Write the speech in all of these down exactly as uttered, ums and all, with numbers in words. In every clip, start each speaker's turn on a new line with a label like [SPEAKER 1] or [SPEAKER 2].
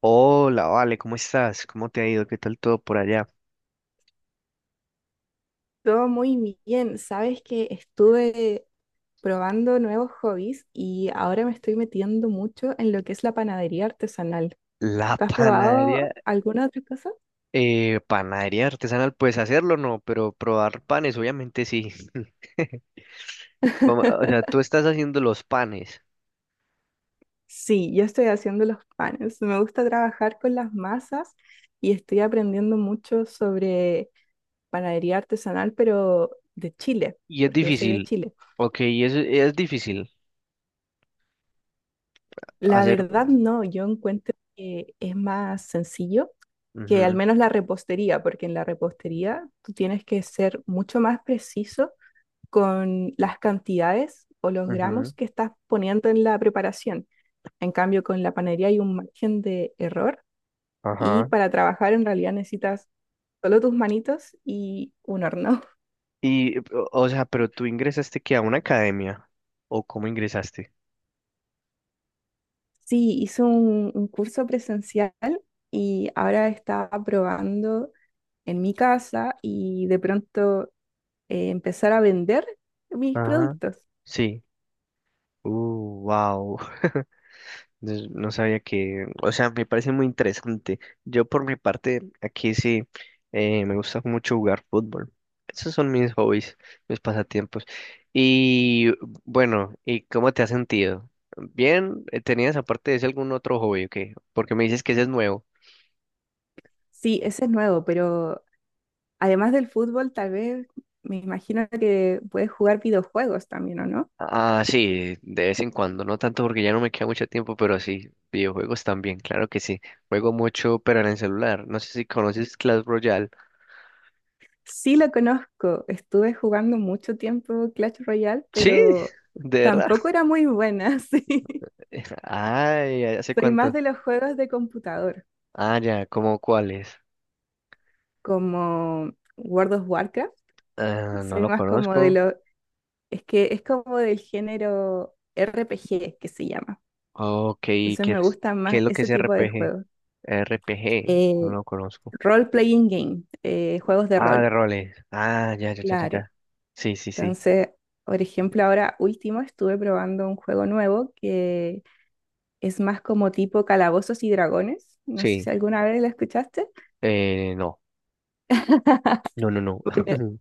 [SPEAKER 1] Hola, vale, ¿cómo estás? ¿Cómo te ha ido? ¿Qué tal todo por allá?
[SPEAKER 2] Todo muy bien. Sabes que estuve probando nuevos hobbies y ahora me estoy metiendo mucho en lo que es la panadería artesanal.
[SPEAKER 1] La
[SPEAKER 2] ¿Tú has
[SPEAKER 1] panadería,
[SPEAKER 2] probado alguna otra cosa?
[SPEAKER 1] eh, panadería artesanal, pues hacerlo no, pero probar panes, obviamente sí. Como- o sea, tú estás haciendo los panes
[SPEAKER 2] Sí, yo estoy haciendo los panes. Me gusta trabajar con las masas y estoy aprendiendo mucho sobre panadería artesanal, pero de Chile,
[SPEAKER 1] y es
[SPEAKER 2] porque yo soy de
[SPEAKER 1] difícil,
[SPEAKER 2] Chile.
[SPEAKER 1] ok, y es, es difícil
[SPEAKER 2] La
[SPEAKER 1] hacer.
[SPEAKER 2] verdad no, yo encuentro que es más sencillo que al
[SPEAKER 1] Ujú,
[SPEAKER 2] menos la repostería, porque en la repostería tú tienes que ser mucho más preciso con las cantidades o los
[SPEAKER 1] ujú,
[SPEAKER 2] gramos que estás poniendo en la preparación. En cambio, con la panería hay un margen de error y
[SPEAKER 1] ajá.
[SPEAKER 2] para trabajar en realidad necesitas solo tus manitos y un horno.
[SPEAKER 1] Y, o o sea, pero tú ingresaste que a una academia, ¿o cómo ingresaste?
[SPEAKER 2] Sí, hice un, un curso presencial y ahora estaba probando en mi casa y de pronto, eh, empezar a vender mis
[SPEAKER 1] Ajá.
[SPEAKER 2] productos.
[SPEAKER 1] Sí. Uh, wow. Entonces, no sabía que, o sea, me parece muy interesante. Yo por mi parte, aquí sí, eh, me gusta mucho jugar fútbol. Esos son mis hobbies, mis pasatiempos. Y bueno, ¿y cómo te has sentido? Bien. Eh, ¿tenías aparte de ese algún otro hobby o qué? Porque me dices que ese es nuevo.
[SPEAKER 2] Sí, ese es nuevo, pero además del fútbol, tal vez me imagino que puedes jugar videojuegos también, ¿o no?
[SPEAKER 1] Ah, sí, de vez en cuando, no tanto porque ya no me queda mucho tiempo, pero sí, videojuegos también, claro que sí. Juego mucho, pero en el celular. No sé si conoces Clash Royale.
[SPEAKER 2] Sí, lo conozco, estuve jugando mucho tiempo Clash Royale,
[SPEAKER 1] Sí,
[SPEAKER 2] pero
[SPEAKER 1] de verdad.
[SPEAKER 2] tampoco era muy buena. Sí.
[SPEAKER 1] Ay, ¿hace
[SPEAKER 2] Soy más
[SPEAKER 1] cuánto?
[SPEAKER 2] de los juegos de computador,
[SPEAKER 1] Ah, ya, ¿cómo cuáles?
[SPEAKER 2] como World of Warcraft.
[SPEAKER 1] Ah, no
[SPEAKER 2] Soy
[SPEAKER 1] lo
[SPEAKER 2] más como de
[SPEAKER 1] conozco.
[SPEAKER 2] lo, es que es como del género R P G, que se llama.
[SPEAKER 1] Ok, ¿qué
[SPEAKER 2] Entonces me
[SPEAKER 1] es,
[SPEAKER 2] gustan
[SPEAKER 1] ¿qué es
[SPEAKER 2] más
[SPEAKER 1] lo que
[SPEAKER 2] ese
[SPEAKER 1] es
[SPEAKER 2] tipo de
[SPEAKER 1] R P G?
[SPEAKER 2] juegos.
[SPEAKER 1] R P G, no
[SPEAKER 2] Eh,
[SPEAKER 1] lo conozco.
[SPEAKER 2] role-playing game, eh, juegos de
[SPEAKER 1] Ah, de
[SPEAKER 2] rol,
[SPEAKER 1] roles. Ah, ya, ya, ya, ya,
[SPEAKER 2] claro.
[SPEAKER 1] ya. Sí, sí, sí.
[SPEAKER 2] Entonces, por ejemplo, ahora último estuve probando un juego nuevo que es más como tipo Calabozos y Dragones. No sé si
[SPEAKER 1] Sí,
[SPEAKER 2] alguna vez lo escuchaste.
[SPEAKER 1] eh, no. No, no, no.
[SPEAKER 2] Bueno,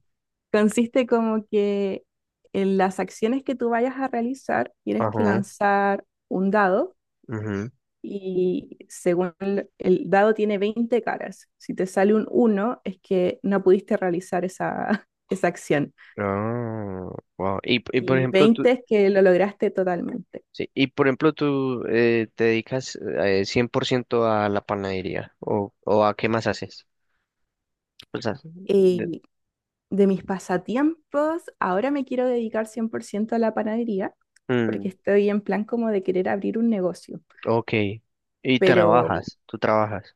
[SPEAKER 2] consiste como que en las acciones que tú vayas a realizar, tienes que
[SPEAKER 1] Ajá,
[SPEAKER 2] lanzar un dado.
[SPEAKER 1] ujú.
[SPEAKER 2] Y según el, el dado tiene veinte caras. Si te sale un uno es que no pudiste realizar esa, esa acción.
[SPEAKER 1] Ah, wow. Y, p- y por
[SPEAKER 2] Y
[SPEAKER 1] ejemplo, tú,
[SPEAKER 2] veinte es que lo lograste totalmente.
[SPEAKER 1] sí, y por ejemplo, tú eh, te dedicas eh, cien por ciento a la panadería, o, ¿o a qué más haces? O sea, de-
[SPEAKER 2] Y de mis pasatiempos, ahora me quiero dedicar cien por ciento a la panadería,
[SPEAKER 1] mm,
[SPEAKER 2] porque estoy en plan como de querer abrir un negocio.
[SPEAKER 1] ok. Y
[SPEAKER 2] Pero
[SPEAKER 1] trabajas, tú trabajas.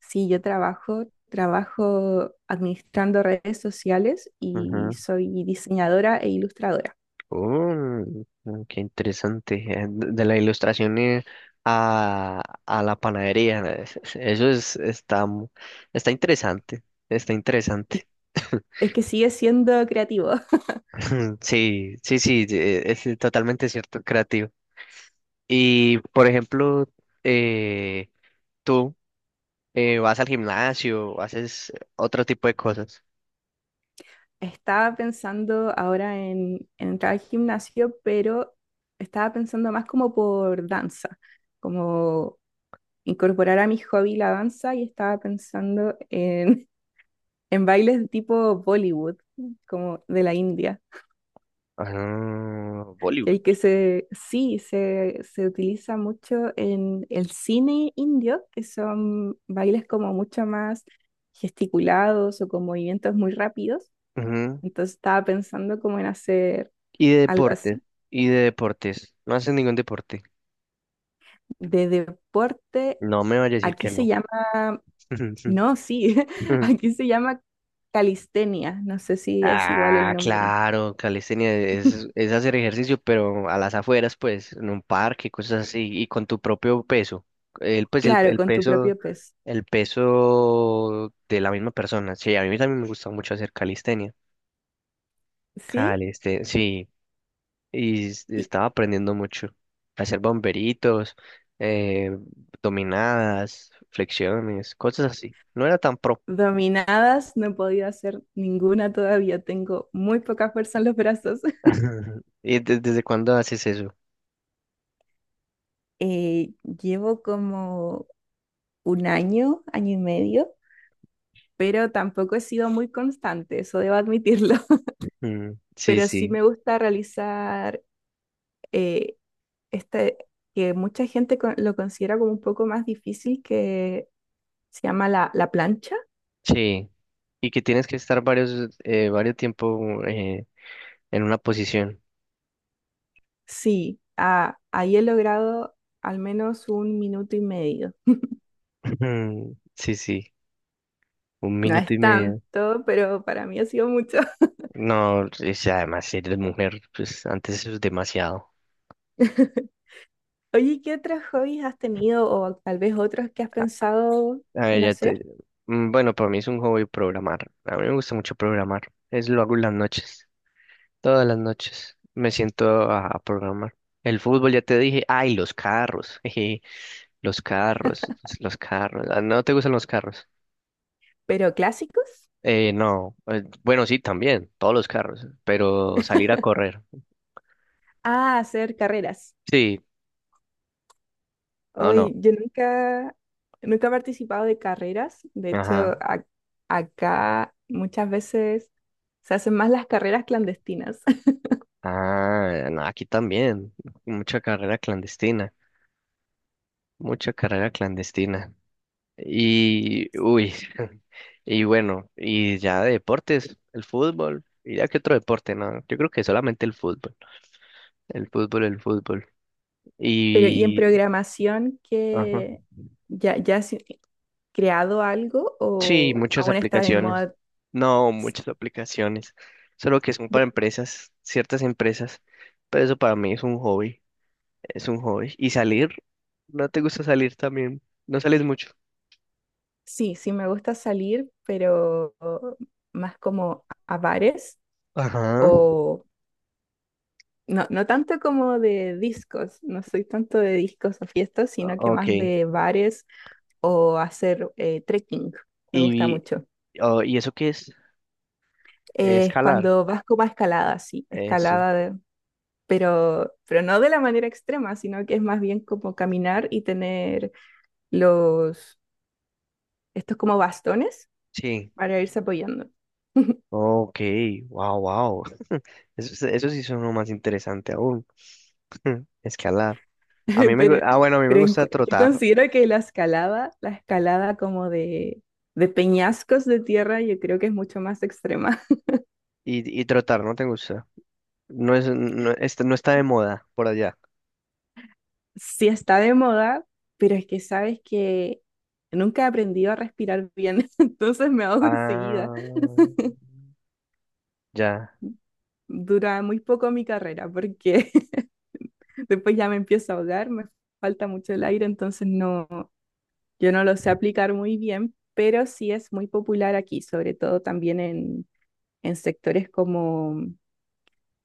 [SPEAKER 2] sí, yo trabajo, trabajo administrando redes sociales, y
[SPEAKER 1] Ajá.
[SPEAKER 2] soy diseñadora e ilustradora.
[SPEAKER 1] Mm, qué interesante. Eh, De de la ilustración ilustraciones a, a la panadería. eh, es- es- Eso es, está, mu- está interesante. Está interesante.
[SPEAKER 2] Es que sigue siendo creativo.
[SPEAKER 1] Sí, sí, sí, eh, es totalmente cierto, creativo. Y, por ejemplo, eh, tú eh, vas al gimnasio, haces otro tipo de cosas.
[SPEAKER 2] Estaba pensando ahora en, en entrar al gimnasio, pero estaba pensando más como por danza, como incorporar a mi hobby la danza, y estaba pensando en, en bailes tipo Bollywood, como de la India,
[SPEAKER 1] Ah,
[SPEAKER 2] que
[SPEAKER 1] voleibol.
[SPEAKER 2] hay que se, sí, se, se utiliza mucho en el cine indio, que son bailes como mucho más gesticulados o con movimientos muy rápidos.
[SPEAKER 1] Ujú.
[SPEAKER 2] Entonces estaba pensando como en hacer
[SPEAKER 1] Y de
[SPEAKER 2] algo
[SPEAKER 1] deportes,
[SPEAKER 2] así.
[SPEAKER 1] y de deportes. No haces ningún deporte.
[SPEAKER 2] De deporte,
[SPEAKER 1] No me vaya a decir
[SPEAKER 2] aquí
[SPEAKER 1] que
[SPEAKER 2] se
[SPEAKER 1] no.
[SPEAKER 2] llama, no, sí, aquí se llama calistenia, no sé si es igual el
[SPEAKER 1] Ah,
[SPEAKER 2] nombre.
[SPEAKER 1] claro, calistenia es, es hacer ejercicio, pero a las afueras, pues, en un parque, cosas así, y con tu propio peso. El, pues, el,
[SPEAKER 2] Claro,
[SPEAKER 1] el
[SPEAKER 2] con tu
[SPEAKER 1] peso,
[SPEAKER 2] propio peso.
[SPEAKER 1] el peso de la misma persona. Sí, a mí también me gusta mucho hacer calistenia.
[SPEAKER 2] Sí,
[SPEAKER 1] Calistenia, sí. Y s-
[SPEAKER 2] y
[SPEAKER 1] estaba aprendiendo mucho. A hacer bomberitos, eh, dominadas, flexiones, cosas así. No era tan pro.
[SPEAKER 2] dominadas no he podido hacer ninguna todavía, tengo muy poca fuerza en los brazos.
[SPEAKER 1] ¿Y de- desde cuándo haces eso?
[SPEAKER 2] Eh, llevo como un año, año y medio, pero tampoco he sido muy constante, eso debo admitirlo.
[SPEAKER 1] Mm, sí,
[SPEAKER 2] Pero sí
[SPEAKER 1] sí,
[SPEAKER 2] me gusta realizar... eh, este, que mucha gente con- lo considera como un poco más difícil, que se llama la, la plancha.
[SPEAKER 1] sí. Y que tienes que estar varios, eh, varios tiempo eh, en una posición.
[SPEAKER 2] Sí, ah, ahí he logrado al menos un minuto y medio.
[SPEAKER 1] Sí, sí. Un
[SPEAKER 2] No
[SPEAKER 1] minuto
[SPEAKER 2] es
[SPEAKER 1] y medio.
[SPEAKER 2] tanto, pero para mí ha sido mucho.
[SPEAKER 1] No, o sea, además, si eres mujer, pues antes eso es demasiado.
[SPEAKER 2] Oye, ¿y qué otros hobbies has tenido o tal vez otros que has pensado
[SPEAKER 1] A ver,
[SPEAKER 2] en
[SPEAKER 1] ya te...
[SPEAKER 2] hacer?
[SPEAKER 1] Mm, bueno, para mí es un hobby programar. A mí me gusta mucho programar. Es lo hago en las noches. Todas las noches me siento a, a programar. El fútbol, ya te dije. Ay, los carros. Jeje, los carros. Los carros. Ah, ¿no te gustan los carros?
[SPEAKER 2] ¿Pero clásicos?
[SPEAKER 1] Eh, no. eh, Bueno, sí, también. Todos los carros. Pero salir a correr.
[SPEAKER 2] Ah, hacer carreras.
[SPEAKER 1] Sí. No,
[SPEAKER 2] Hoy
[SPEAKER 1] no.
[SPEAKER 2] yo nunca Nunca he participado de carreras, de hecho,
[SPEAKER 1] Ajá.
[SPEAKER 2] a- acá muchas veces se hacen más las carreras clandestinas.
[SPEAKER 1] Ah, no, aquí también. Mucha carrera clandestina. Mucha carrera clandestina. Y, uy, y bueno, y ya de deportes, el fútbol, y ya que otro deporte, no, yo creo que solamente el fútbol, el fútbol, el fútbol,
[SPEAKER 2] Pero, ¿y en
[SPEAKER 1] y,
[SPEAKER 2] programación
[SPEAKER 1] ajá,
[SPEAKER 2] que ya, ya has creado algo
[SPEAKER 1] sí,
[SPEAKER 2] o
[SPEAKER 1] muchas
[SPEAKER 2] aún estás en
[SPEAKER 1] aplicaciones,
[SPEAKER 2] moda?
[SPEAKER 1] no,
[SPEAKER 2] Sí,
[SPEAKER 1] muchas aplicaciones, solo que son para
[SPEAKER 2] de-
[SPEAKER 1] empresas, ciertas empresas, pero eso para mí es un hobby, es un hobby, y salir, no te gusta salir también, no sales mucho.
[SPEAKER 2] sí, sí me gusta salir, pero más como a bares,
[SPEAKER 1] Ajá,
[SPEAKER 2] o no, no tanto como de discos, no soy tanto de discos o fiestas, sino que más
[SPEAKER 1] ok,
[SPEAKER 2] de bares, o hacer eh, trekking, me gusta
[SPEAKER 1] y,
[SPEAKER 2] mucho.
[SPEAKER 1] oh, ¿y eso qué es?
[SPEAKER 2] Es
[SPEAKER 1] Escalar,
[SPEAKER 2] cuando vas como a escalada, sí,
[SPEAKER 1] eso.
[SPEAKER 2] escalada, de- pero, pero no de la manera extrema, sino que es más bien como caminar y tener los, estos como bastones
[SPEAKER 1] Sí.
[SPEAKER 2] para irse apoyando.
[SPEAKER 1] Ok, wow, wow. Eso, eso sí suena más interesante aún. Escalada. A mí me, gu-
[SPEAKER 2] Pero,
[SPEAKER 1] ah, bueno, a mí me
[SPEAKER 2] pero en
[SPEAKER 1] gusta
[SPEAKER 2] cu- yo
[SPEAKER 1] trotar
[SPEAKER 2] considero que la escalada, la escalada como de, de peñascos de tierra, yo creo que es mucho más extrema.
[SPEAKER 1] y, y trotar, ¿no te gusta? No es, no, este- no está de moda por allá.
[SPEAKER 2] Sí, está de moda, pero es que sabes que nunca he aprendido a respirar bien, entonces me ahogo enseguida.
[SPEAKER 1] Ah, ya.
[SPEAKER 2] Dura muy poco mi carrera, porque después ya me empiezo a ahogar, me falta mucho el aire, entonces no, yo no lo sé aplicar muy bien, pero sí es muy popular aquí, sobre todo también en, en sectores como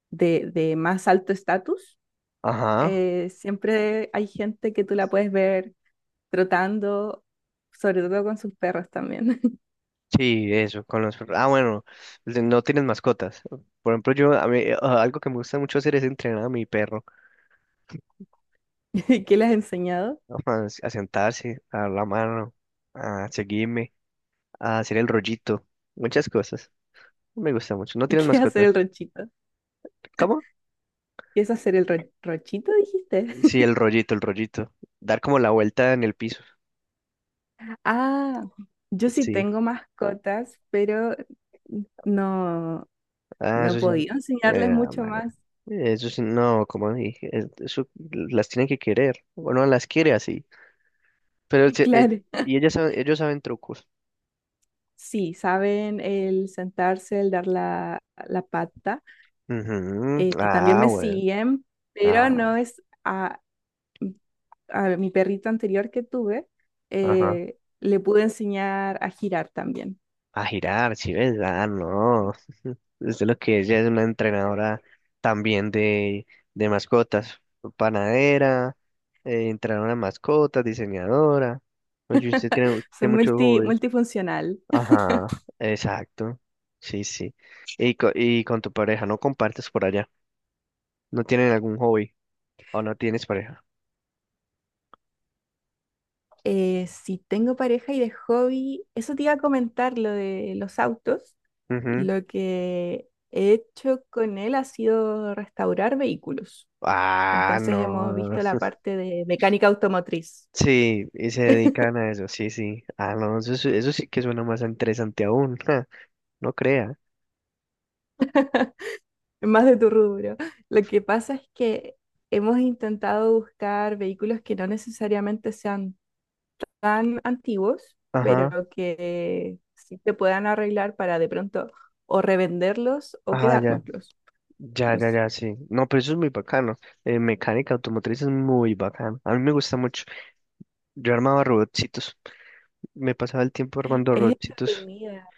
[SPEAKER 2] de, de más alto estatus.
[SPEAKER 1] Ajá.
[SPEAKER 2] Eh, siempre hay gente que tú la puedes ver trotando, sobre todo con sus perros también.
[SPEAKER 1] Sí, eso, con los perros. Ah, bueno, de- no tienes mascotas. Por ejemplo, yo, a mí, eh, algo que me gusta mucho hacer es entrenar a mi perro,
[SPEAKER 2] ¿Qué le has enseñado?
[SPEAKER 1] a, a sentarse, a dar la mano, a seguirme, a hacer el rollito, muchas cosas. No me gusta mucho. ¿No tienes
[SPEAKER 2] ¿Qué es hacer
[SPEAKER 1] mascotas?
[SPEAKER 2] el ranchito?
[SPEAKER 1] ¿Cómo?
[SPEAKER 2] ¿Qué es hacer el ra- ranchito, dijiste?
[SPEAKER 1] Sí, el rollito, el rollito. Dar como la vuelta en el piso.
[SPEAKER 2] Ah, yo sí
[SPEAKER 1] Sí.
[SPEAKER 2] tengo mascotas, pero no,
[SPEAKER 1] Ah,
[SPEAKER 2] no he
[SPEAKER 1] eso sí.
[SPEAKER 2] podido enseñarles
[SPEAKER 1] Eh,
[SPEAKER 2] mucho
[SPEAKER 1] madre.
[SPEAKER 2] más.
[SPEAKER 1] Eso sí, no, como dije, es- eso las tienen que querer. Bueno, las quiere así. Pero se- eh,
[SPEAKER 2] Claro,
[SPEAKER 1] y ellas saben- ellos saben trucos.
[SPEAKER 2] sí, saben el sentarse, el dar la, la pata.
[SPEAKER 1] Ujú.
[SPEAKER 2] Eh, también
[SPEAKER 1] Ah,
[SPEAKER 2] me
[SPEAKER 1] bueno.
[SPEAKER 2] siguen, pero
[SPEAKER 1] Ah,
[SPEAKER 2] no es a, a mi perrito anterior que tuve,
[SPEAKER 1] ajá.
[SPEAKER 2] eh, le pude enseñar a girar también.
[SPEAKER 1] A girar, si ves. Ah, no. Esto es lo que ella es una entrenadora también de, de mascotas, panadera, eh, entrenadora de mascotas, diseñadora. Pues y usted tiene,
[SPEAKER 2] Soy
[SPEAKER 1] tiene mucho
[SPEAKER 2] multi,
[SPEAKER 1] hobby.
[SPEAKER 2] multifuncional.
[SPEAKER 1] Ajá, exacto. Sí, sí. Y, co- y con tu pareja, no compartes por allá. ¿No tienen algún hobby o no tienes pareja?
[SPEAKER 2] Eh, si tengo pareja, y de hobby, eso te iba a comentar, lo de los autos.
[SPEAKER 1] Ujú.
[SPEAKER 2] Lo que he hecho con él ha sido restaurar vehículos.
[SPEAKER 1] Ah,
[SPEAKER 2] Entonces hemos
[SPEAKER 1] no.
[SPEAKER 2] visto la parte de mecánica automotriz,
[SPEAKER 1] Sí, y se dedican a eso, sí, sí. Ah, no, eso, sí- eso sí que suena más interesante aún. Ja, no crea.
[SPEAKER 2] más de tu rubro. Lo que pasa es que hemos intentado buscar vehículos que no necesariamente sean tan antiguos,
[SPEAKER 1] Ajá,
[SPEAKER 2] pero que sí te puedan arreglar para de pronto o revenderlos o
[SPEAKER 1] ajá, ya.
[SPEAKER 2] quedárnoslos.
[SPEAKER 1] Ya, ya, ya, sí. No, pero eso es muy bacano. Eh, mecánica automotriz es muy bacano. A mí me gusta mucho. Yo armaba robotcitos. Me pasaba el tiempo armando
[SPEAKER 2] Es
[SPEAKER 1] robotcitos.
[SPEAKER 2] entretenida,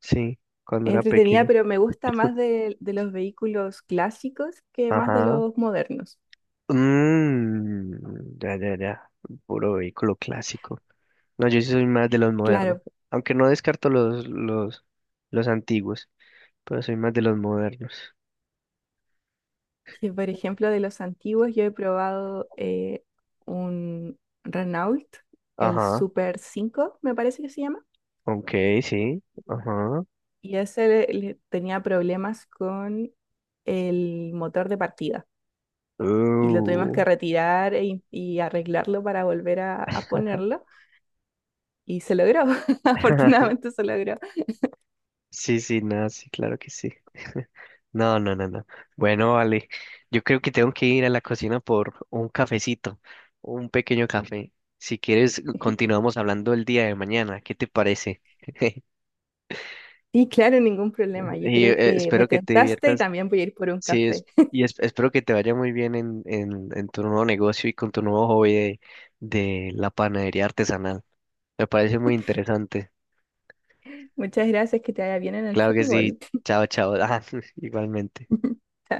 [SPEAKER 1] Sí, cuando
[SPEAKER 2] es
[SPEAKER 1] era
[SPEAKER 2] entretenida,
[SPEAKER 1] pequeño.
[SPEAKER 2] pero me gusta más de, de los vehículos clásicos que más de
[SPEAKER 1] Ajá.
[SPEAKER 2] los modernos.
[SPEAKER 1] Mmm, ya, ya, ya. Puro vehículo clásico. No, yo sí soy más de los modernos.
[SPEAKER 2] Claro,
[SPEAKER 1] Aunque no descarto los, los, los antiguos, pero soy más de los modernos.
[SPEAKER 2] que por ejemplo de los antiguos yo he probado eh, un Renault, el
[SPEAKER 1] Ajá.
[SPEAKER 2] Super cinco, me parece que se llama,
[SPEAKER 1] Ok, sí. Ajá.
[SPEAKER 2] y ese le- le tenía problemas con el motor de partida. Y lo tuvimos
[SPEAKER 1] Uh.
[SPEAKER 2] que retirar e in- y arreglarlo para volver a, a ponerlo. Y se logró, afortunadamente se logró.
[SPEAKER 1] Sí, sí, no, sí, claro que sí. No, no, no, no. Bueno, vale. Yo creo que tengo que ir a la cocina por un cafecito, un pequeño café. Si quieres, continuamos hablando el día de mañana. ¿Qué te parece?
[SPEAKER 2] Sí, claro, ningún problema. Yo
[SPEAKER 1] Y
[SPEAKER 2] creo
[SPEAKER 1] eh,
[SPEAKER 2] que me
[SPEAKER 1] espero que te
[SPEAKER 2] tentaste y
[SPEAKER 1] diviertas.
[SPEAKER 2] también voy a ir por un
[SPEAKER 1] Sí,
[SPEAKER 2] café.
[SPEAKER 1] es- y es- espero que te vaya muy bien en, en, en tu nuevo negocio y con tu nuevo hobby de, de la panadería artesanal. Me parece muy interesante.
[SPEAKER 2] Muchas gracias, que te vaya bien en el
[SPEAKER 1] Claro que sí.
[SPEAKER 2] fútbol.
[SPEAKER 1] Chao, chao. Ah, igualmente.